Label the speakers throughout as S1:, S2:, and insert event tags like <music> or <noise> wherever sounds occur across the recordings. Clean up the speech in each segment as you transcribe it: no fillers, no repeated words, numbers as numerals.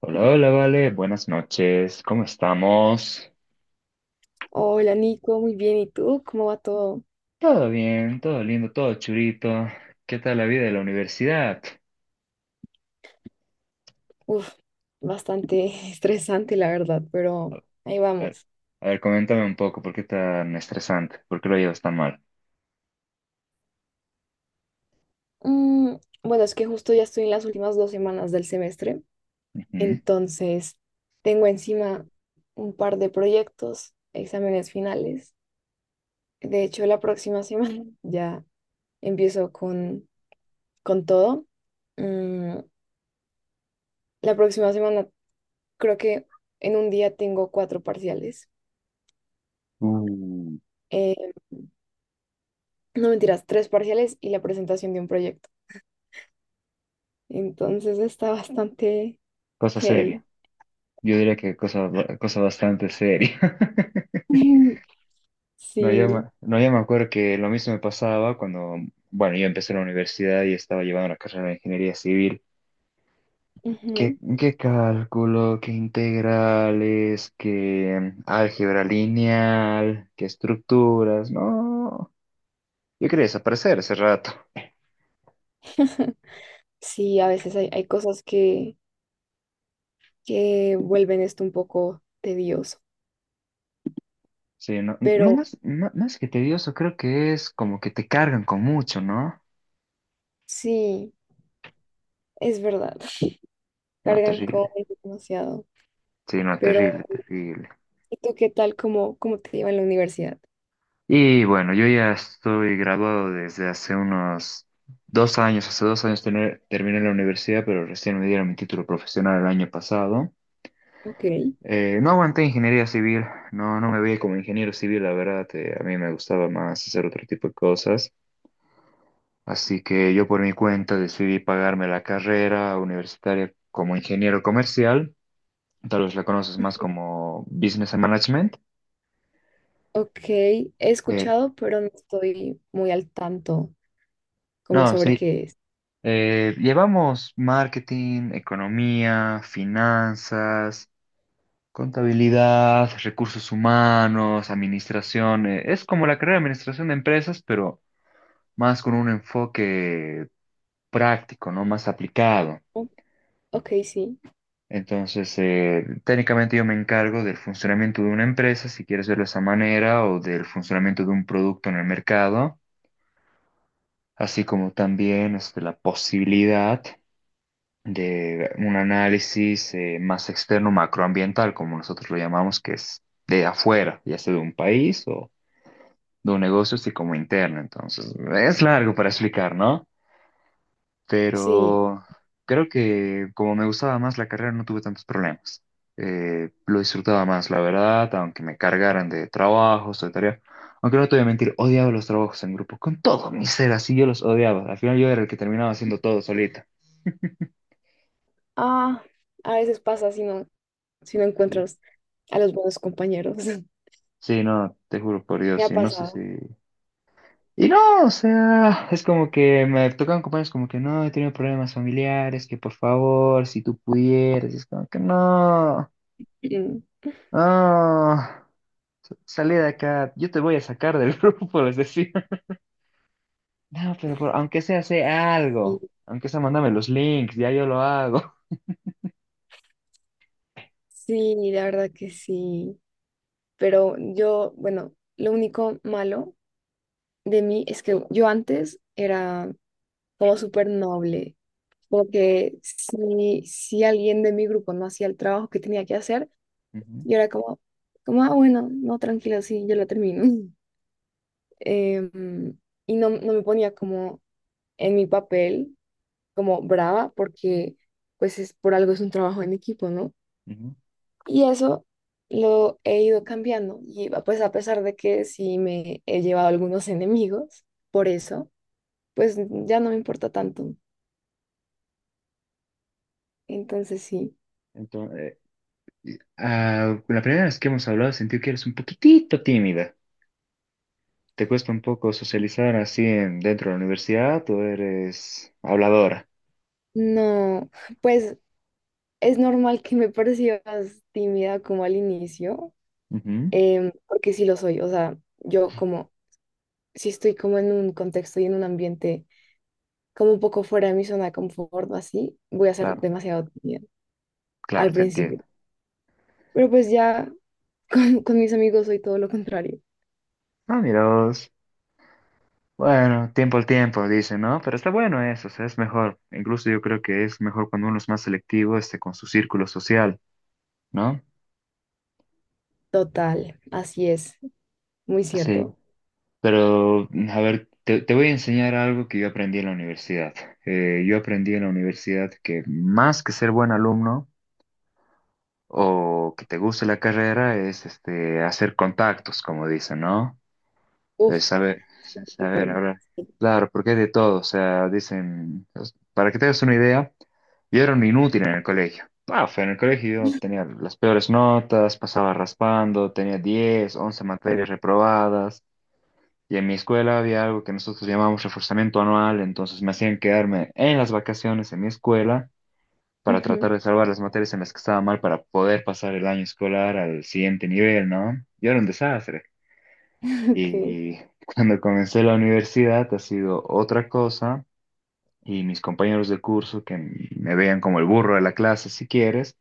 S1: Hola, hola, vale, buenas noches, ¿cómo estamos?
S2: Hola Nico, muy bien. ¿Y tú? ¿Cómo va todo?
S1: Todo bien, todo lindo, todo churito. ¿Qué tal la vida de la universidad?
S2: Uf, bastante <laughs> estresante la verdad,
S1: A
S2: pero ahí
S1: ver,
S2: vamos.
S1: a ver, coméntame un poco, ¿por qué tan estresante? ¿Por qué lo llevas tan mal?
S2: Mm, bueno, es que justo ya estoy en las últimas dos semanas del semestre,
S1: Ujú.
S2: entonces tengo encima un par de proyectos, exámenes finales. De hecho, la próxima semana <laughs> ya empiezo con todo. Mm, la próxima semana creo que en un día tengo cuatro parciales.
S1: Uh,
S2: Eh, no mentiras, tres parciales y la presentación de un proyecto. Entonces está bastante
S1: Cosa
S2: heavy.
S1: seria. Yo diría que cosa, cosa bastante seria. <laughs>
S2: <laughs>
S1: No, yo me,
S2: Sí.
S1: no, yo me acuerdo que lo mismo me pasaba cuando, bueno, yo empecé la universidad y estaba llevando la carrera de ingeniería civil. ¿Qué,
S2: Ujú.
S1: qué cálculo, qué integrales, qué álgebra lineal, qué estructuras? No, yo quería desaparecer ese rato.
S2: Sí, a veces hay cosas que vuelven esto un poco tedioso,
S1: Sí, no, no
S2: pero
S1: más, más que tedioso, creo que es como que te cargan con mucho, ¿no?
S2: sí, es verdad, <laughs>
S1: No,
S2: cargan con
S1: terrible.
S2: demasiado.
S1: Sí, no,
S2: Pero,
S1: terrible, terrible.
S2: ¿y tú qué tal? ¿Cómo te lleva en la universidad?
S1: Y bueno, yo ya estoy graduado desde hace unos 2 años, hace 2 años terminé la universidad, pero recién me dieron mi título profesional el año pasado.
S2: Ok.
S1: No aguanté ingeniería civil, no, no me veía como ingeniero civil, la verdad. A mí me gustaba más hacer otro tipo de cosas, así que yo por mi cuenta decidí pagarme la carrera universitaria como ingeniero comercial. Tal vez la conoces más
S2: Ujú.
S1: como Business and Management.
S2: Ok, he
S1: eh,
S2: escuchado, pero no estoy muy al tanto como
S1: no,
S2: sobre
S1: sí.
S2: qué es.
S1: Llevamos marketing, economía, finanzas, contabilidad, recursos humanos, administración. Es como la carrera de administración de empresas, pero más con un enfoque práctico, ¿no? Más aplicado.
S2: Oh, ok, sí,
S1: Entonces, técnicamente yo me encargo del funcionamiento de una empresa, si quieres verlo de esa manera, o del funcionamiento de un producto en el mercado, así como también este, la posibilidad de un análisis más externo, macroambiental, como nosotros lo llamamos, que es de afuera, ya sea de un país o de un negocio, así como interno. Entonces, es largo para explicar, ¿no?
S2: sí.
S1: Pero creo que como me gustaba más la carrera no tuve tantos problemas. Lo disfrutaba más, la verdad, aunque me cargaran de trabajos, de tareas. Aunque no te voy a mentir, odiaba los trabajos en grupo, con todo mi ser, así yo los odiaba. Al final yo era el que terminaba haciendo todo solita.
S2: Ah, a veces pasa así, ¿no? Si no
S1: Sí,
S2: encuentras a los buenos compañeros. <laughs>
S1: sí, no, te juro por
S2: Me
S1: Dios,
S2: ha
S1: y no sé si...
S2: pasado.
S1: Y no, o sea, es como que me tocan compañeros como que no, he tenido problemas familiares, que por favor, si tú pudieras, y es como que no,
S2: Mm,
S1: no. Salí de acá, yo te voy a sacar del <laughs> grupo, les decía. No, pero aunque sea, sé
S2: Y
S1: algo. Aunque sea, mándame los links, ya yo lo hago.
S2: sí, la verdad que sí. Pero yo, bueno, lo único malo de mí es que yo antes era como súper noble. Como que si alguien de mi grupo no hacía el trabajo que tenía que hacer,
S1: <laughs> Ujú,
S2: yo era como, ah, bueno, no, tranquila, sí, yo lo termino. <laughs> Em, y no, no me ponía como en mi papel como brava porque pues es por algo, es un trabajo en equipo, ¿no?
S1: ujú.
S2: Y eso lo he ido cambiando y pues a pesar de que sí me he llevado algunos enemigos por eso, pues ya no me importa tanto. Entonces sí,
S1: Entonces, ah, la primera vez que hemos hablado sentí que eres un poquitito tímida. ¿Te cuesta un poco socializar así dentro de la universidad o eres habladora?
S2: no, pues es normal que me <laughs> percibas tímida como al inicio,
S1: Ujú.
S2: porque sí lo soy, o sea, yo como, si estoy como en un contexto y en un ambiente como un poco fuera de mi zona de confort o así, voy a ser
S1: Claro,
S2: demasiado tímida.
S1: claro,
S2: Al
S1: te
S2: principio.
S1: entiendo.
S2: Pero pues ya <laughs> con mis amigos soy todo lo contrario.
S1: Ah, mira. Bueno, tiempo al tiempo, dicen, ¿no? Pero está bueno eso, o sea, es mejor. Incluso yo creo que es mejor cuando uno es más selectivo, este, con su círculo social, ¿no?
S2: Total, así es, muy
S1: Sí.
S2: cierto.
S1: Pero, a ver, te voy a enseñar algo que yo aprendí en la universidad. Yo aprendí en la universidad que más que ser buen alumno o que te guste la carrera es, este, hacer contactos, como dicen, ¿no? De
S2: Uf,
S1: saber,
S2: de
S1: saber
S2: acuerdo.
S1: hablar.
S2: Sí.
S1: Claro, porque es de todo, o sea, dicen, para que te hagas una idea, yo era un inútil en el colegio. Paf, en el colegio yo tenía las peores notas, pasaba raspando, tenía 10 11 materias reprobadas, y en mi escuela había algo que nosotros llamamos reforzamiento anual, entonces me hacían quedarme en las vacaciones en mi escuela para
S2: Ujú,
S1: tratar de salvar las materias en las que estaba mal para poder pasar el año escolar al siguiente nivel, ¿no? Yo era un desastre.
S2: <laughs> ok,
S1: Y cuando comencé la universidad ha sido otra cosa y mis compañeros de curso que me veían como el burro de la clase, si quieres,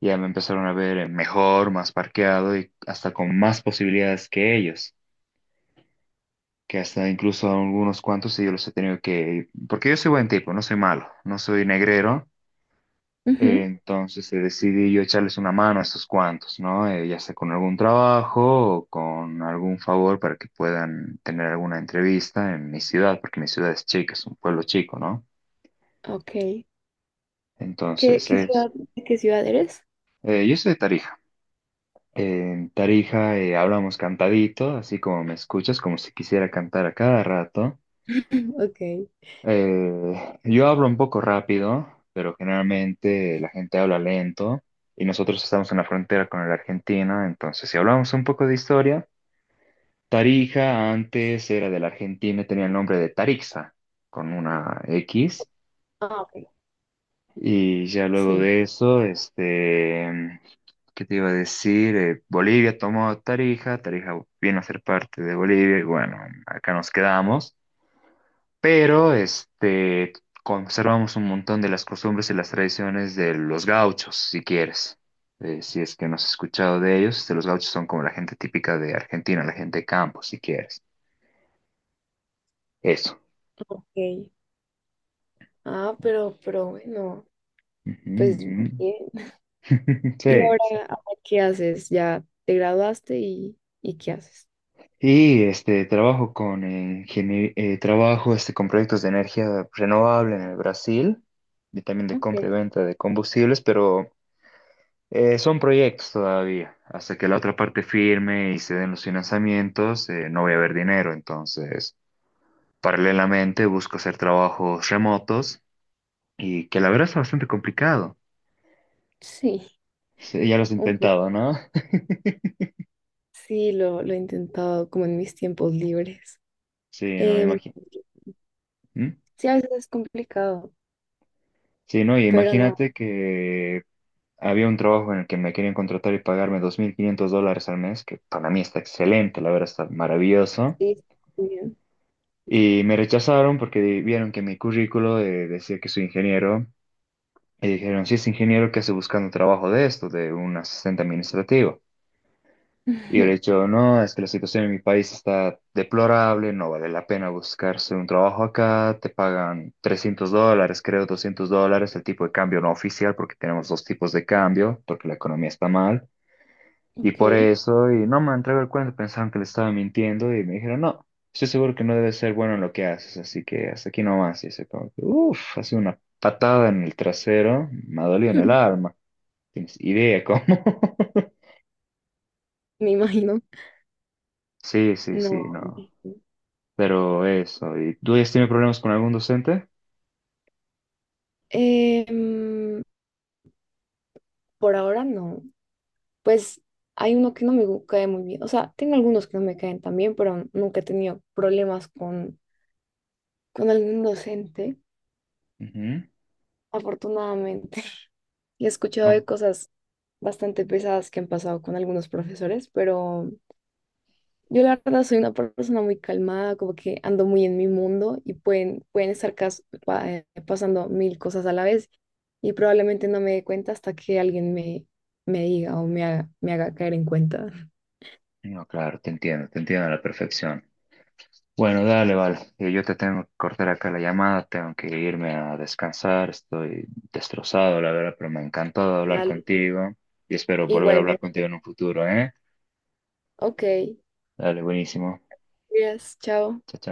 S1: ya me empezaron a ver mejor, más parqueado y hasta con más posibilidades que ellos, que hasta incluso algunos cuantos sí yo los he tenido que... Porque yo soy buen tipo, no soy malo, no soy negrero.
S2: ujú,
S1: Entonces decidí yo echarles una mano a estos cuantos, ¿no? Ya sea con algún trabajo o con algún favor para que puedan tener alguna entrevista en mi ciudad, porque mi ciudad es chica, es un pueblo chico, ¿no?
S2: ok. ¿Qué,
S1: Entonces
S2: qué
S1: es...
S2: ciudad, de qué ciudad eres?
S1: Yo soy de Tarija. En Tarija hablamos cantadito, así como me escuchas, como si quisiera cantar a cada rato.
S2: <clears throat> Ok.
S1: Yo hablo un poco rápido, pero generalmente la gente habla lento y nosotros estamos en la frontera con la Argentina. Entonces si hablamos un poco de historia, Tarija antes era de la Argentina, y tenía el nombre de Tarixa con una X.
S2: Ah, ok.
S1: Y ya luego
S2: Sí,
S1: de eso, este, ¿qué te iba a decir? Bolivia tomó Tarija, Tarija vino a ser parte de Bolivia y bueno, acá nos quedamos. Pero este, conservamos un montón de las costumbres y las tradiciones de los gauchos, si quieres. Si es que no has escuchado de ellos, este, los gauchos son como la gente típica de Argentina, la gente de campo, si quieres. Eso.
S2: ok. Ah, pero bueno, pues
S1: Ujú,
S2: bien.
S1: ujú. <laughs>
S2: ¿Y
S1: Sí.
S2: ahora qué haces? ¿Ya te graduaste y qué haces?
S1: Y este trabajo con trabajo este con proyectos de energía renovable en el Brasil y también de
S2: Ok,
S1: compra y venta de combustibles, pero... Son proyectos todavía. Hasta que la otra parte firme y se den los financiamientos, no voy a haber dinero. Entonces, paralelamente busco hacer trabajos remotos y que la verdad es bastante complicado.
S2: sí,
S1: Sí, ya lo has
S2: un poco.
S1: intentado, ¿no? <laughs>
S2: Sí, lo he intentado como en mis tiempos libres.
S1: Sí, no,
S2: Em,
S1: imagínate.
S2: sí, a veces es complicado,
S1: Sí, no, y
S2: pero no,
S1: imagínate que había un trabajo en el que me querían contratar y pagarme $2,500 al mes, que para mí está excelente, la verdad está maravilloso.
S2: sí, está muy bien.
S1: Y me rechazaron porque vieron que mi currículo decía que soy ingeniero. Y dijeron, sí, es ingeniero que hace buscando trabajo de esto, de un asistente administrativo. Y yo le he
S2: <laughs>
S1: dicho, no, es que la situación en mi país está deplorable, no vale la pena buscarse un trabajo acá, te pagan $300, creo $200, el tipo de cambio no oficial, porque tenemos dos tipos de cambio, porque la economía está mal. Y por
S2: Ok,
S1: eso, y no me han traído el cuento, pensaban que le estaba mintiendo y me dijeron, no, estoy seguro que no debes ser bueno en lo que haces, así que hasta aquí nomás. Y se como que, uff, ha sido una patada en el trasero, me ha dolido en el
S2: <laughs>
S1: alma. ¿Tienes idea cómo? <laughs>
S2: me imagino.
S1: Sí, sí, sí,
S2: No,
S1: no.
S2: no.
S1: Pero eso, ¿y tú has tenido problemas con algún docente?
S2: Em, por ahora no. Pues hay uno que no me cae muy bien. O sea, tengo algunos que no me caen tan bien, pero nunca he tenido problemas con algún docente,
S1: Ujú.
S2: afortunadamente. <laughs> Y he escuchado de
S1: Bueno,
S2: cosas bastante pesadas que han pasado con algunos profesores, pero yo la verdad soy una persona muy calmada, como que ando muy en mi mundo y pueden estar pasando mil cosas a la vez y probablemente no me dé cuenta hasta que alguien me diga o me haga caer en cuenta.
S1: no, claro, te entiendo a la perfección. Bueno, dale, vale. Yo te tengo que cortar acá la llamada, tengo que irme a descansar, estoy destrozado, la verdad, pero me ha encantado hablar
S2: Dale,
S1: contigo y espero volver a hablar
S2: igualmente.
S1: contigo en un futuro, ¿eh?
S2: Ok,
S1: Dale, buenísimo.
S2: gracias, chao.
S1: Chao, chao.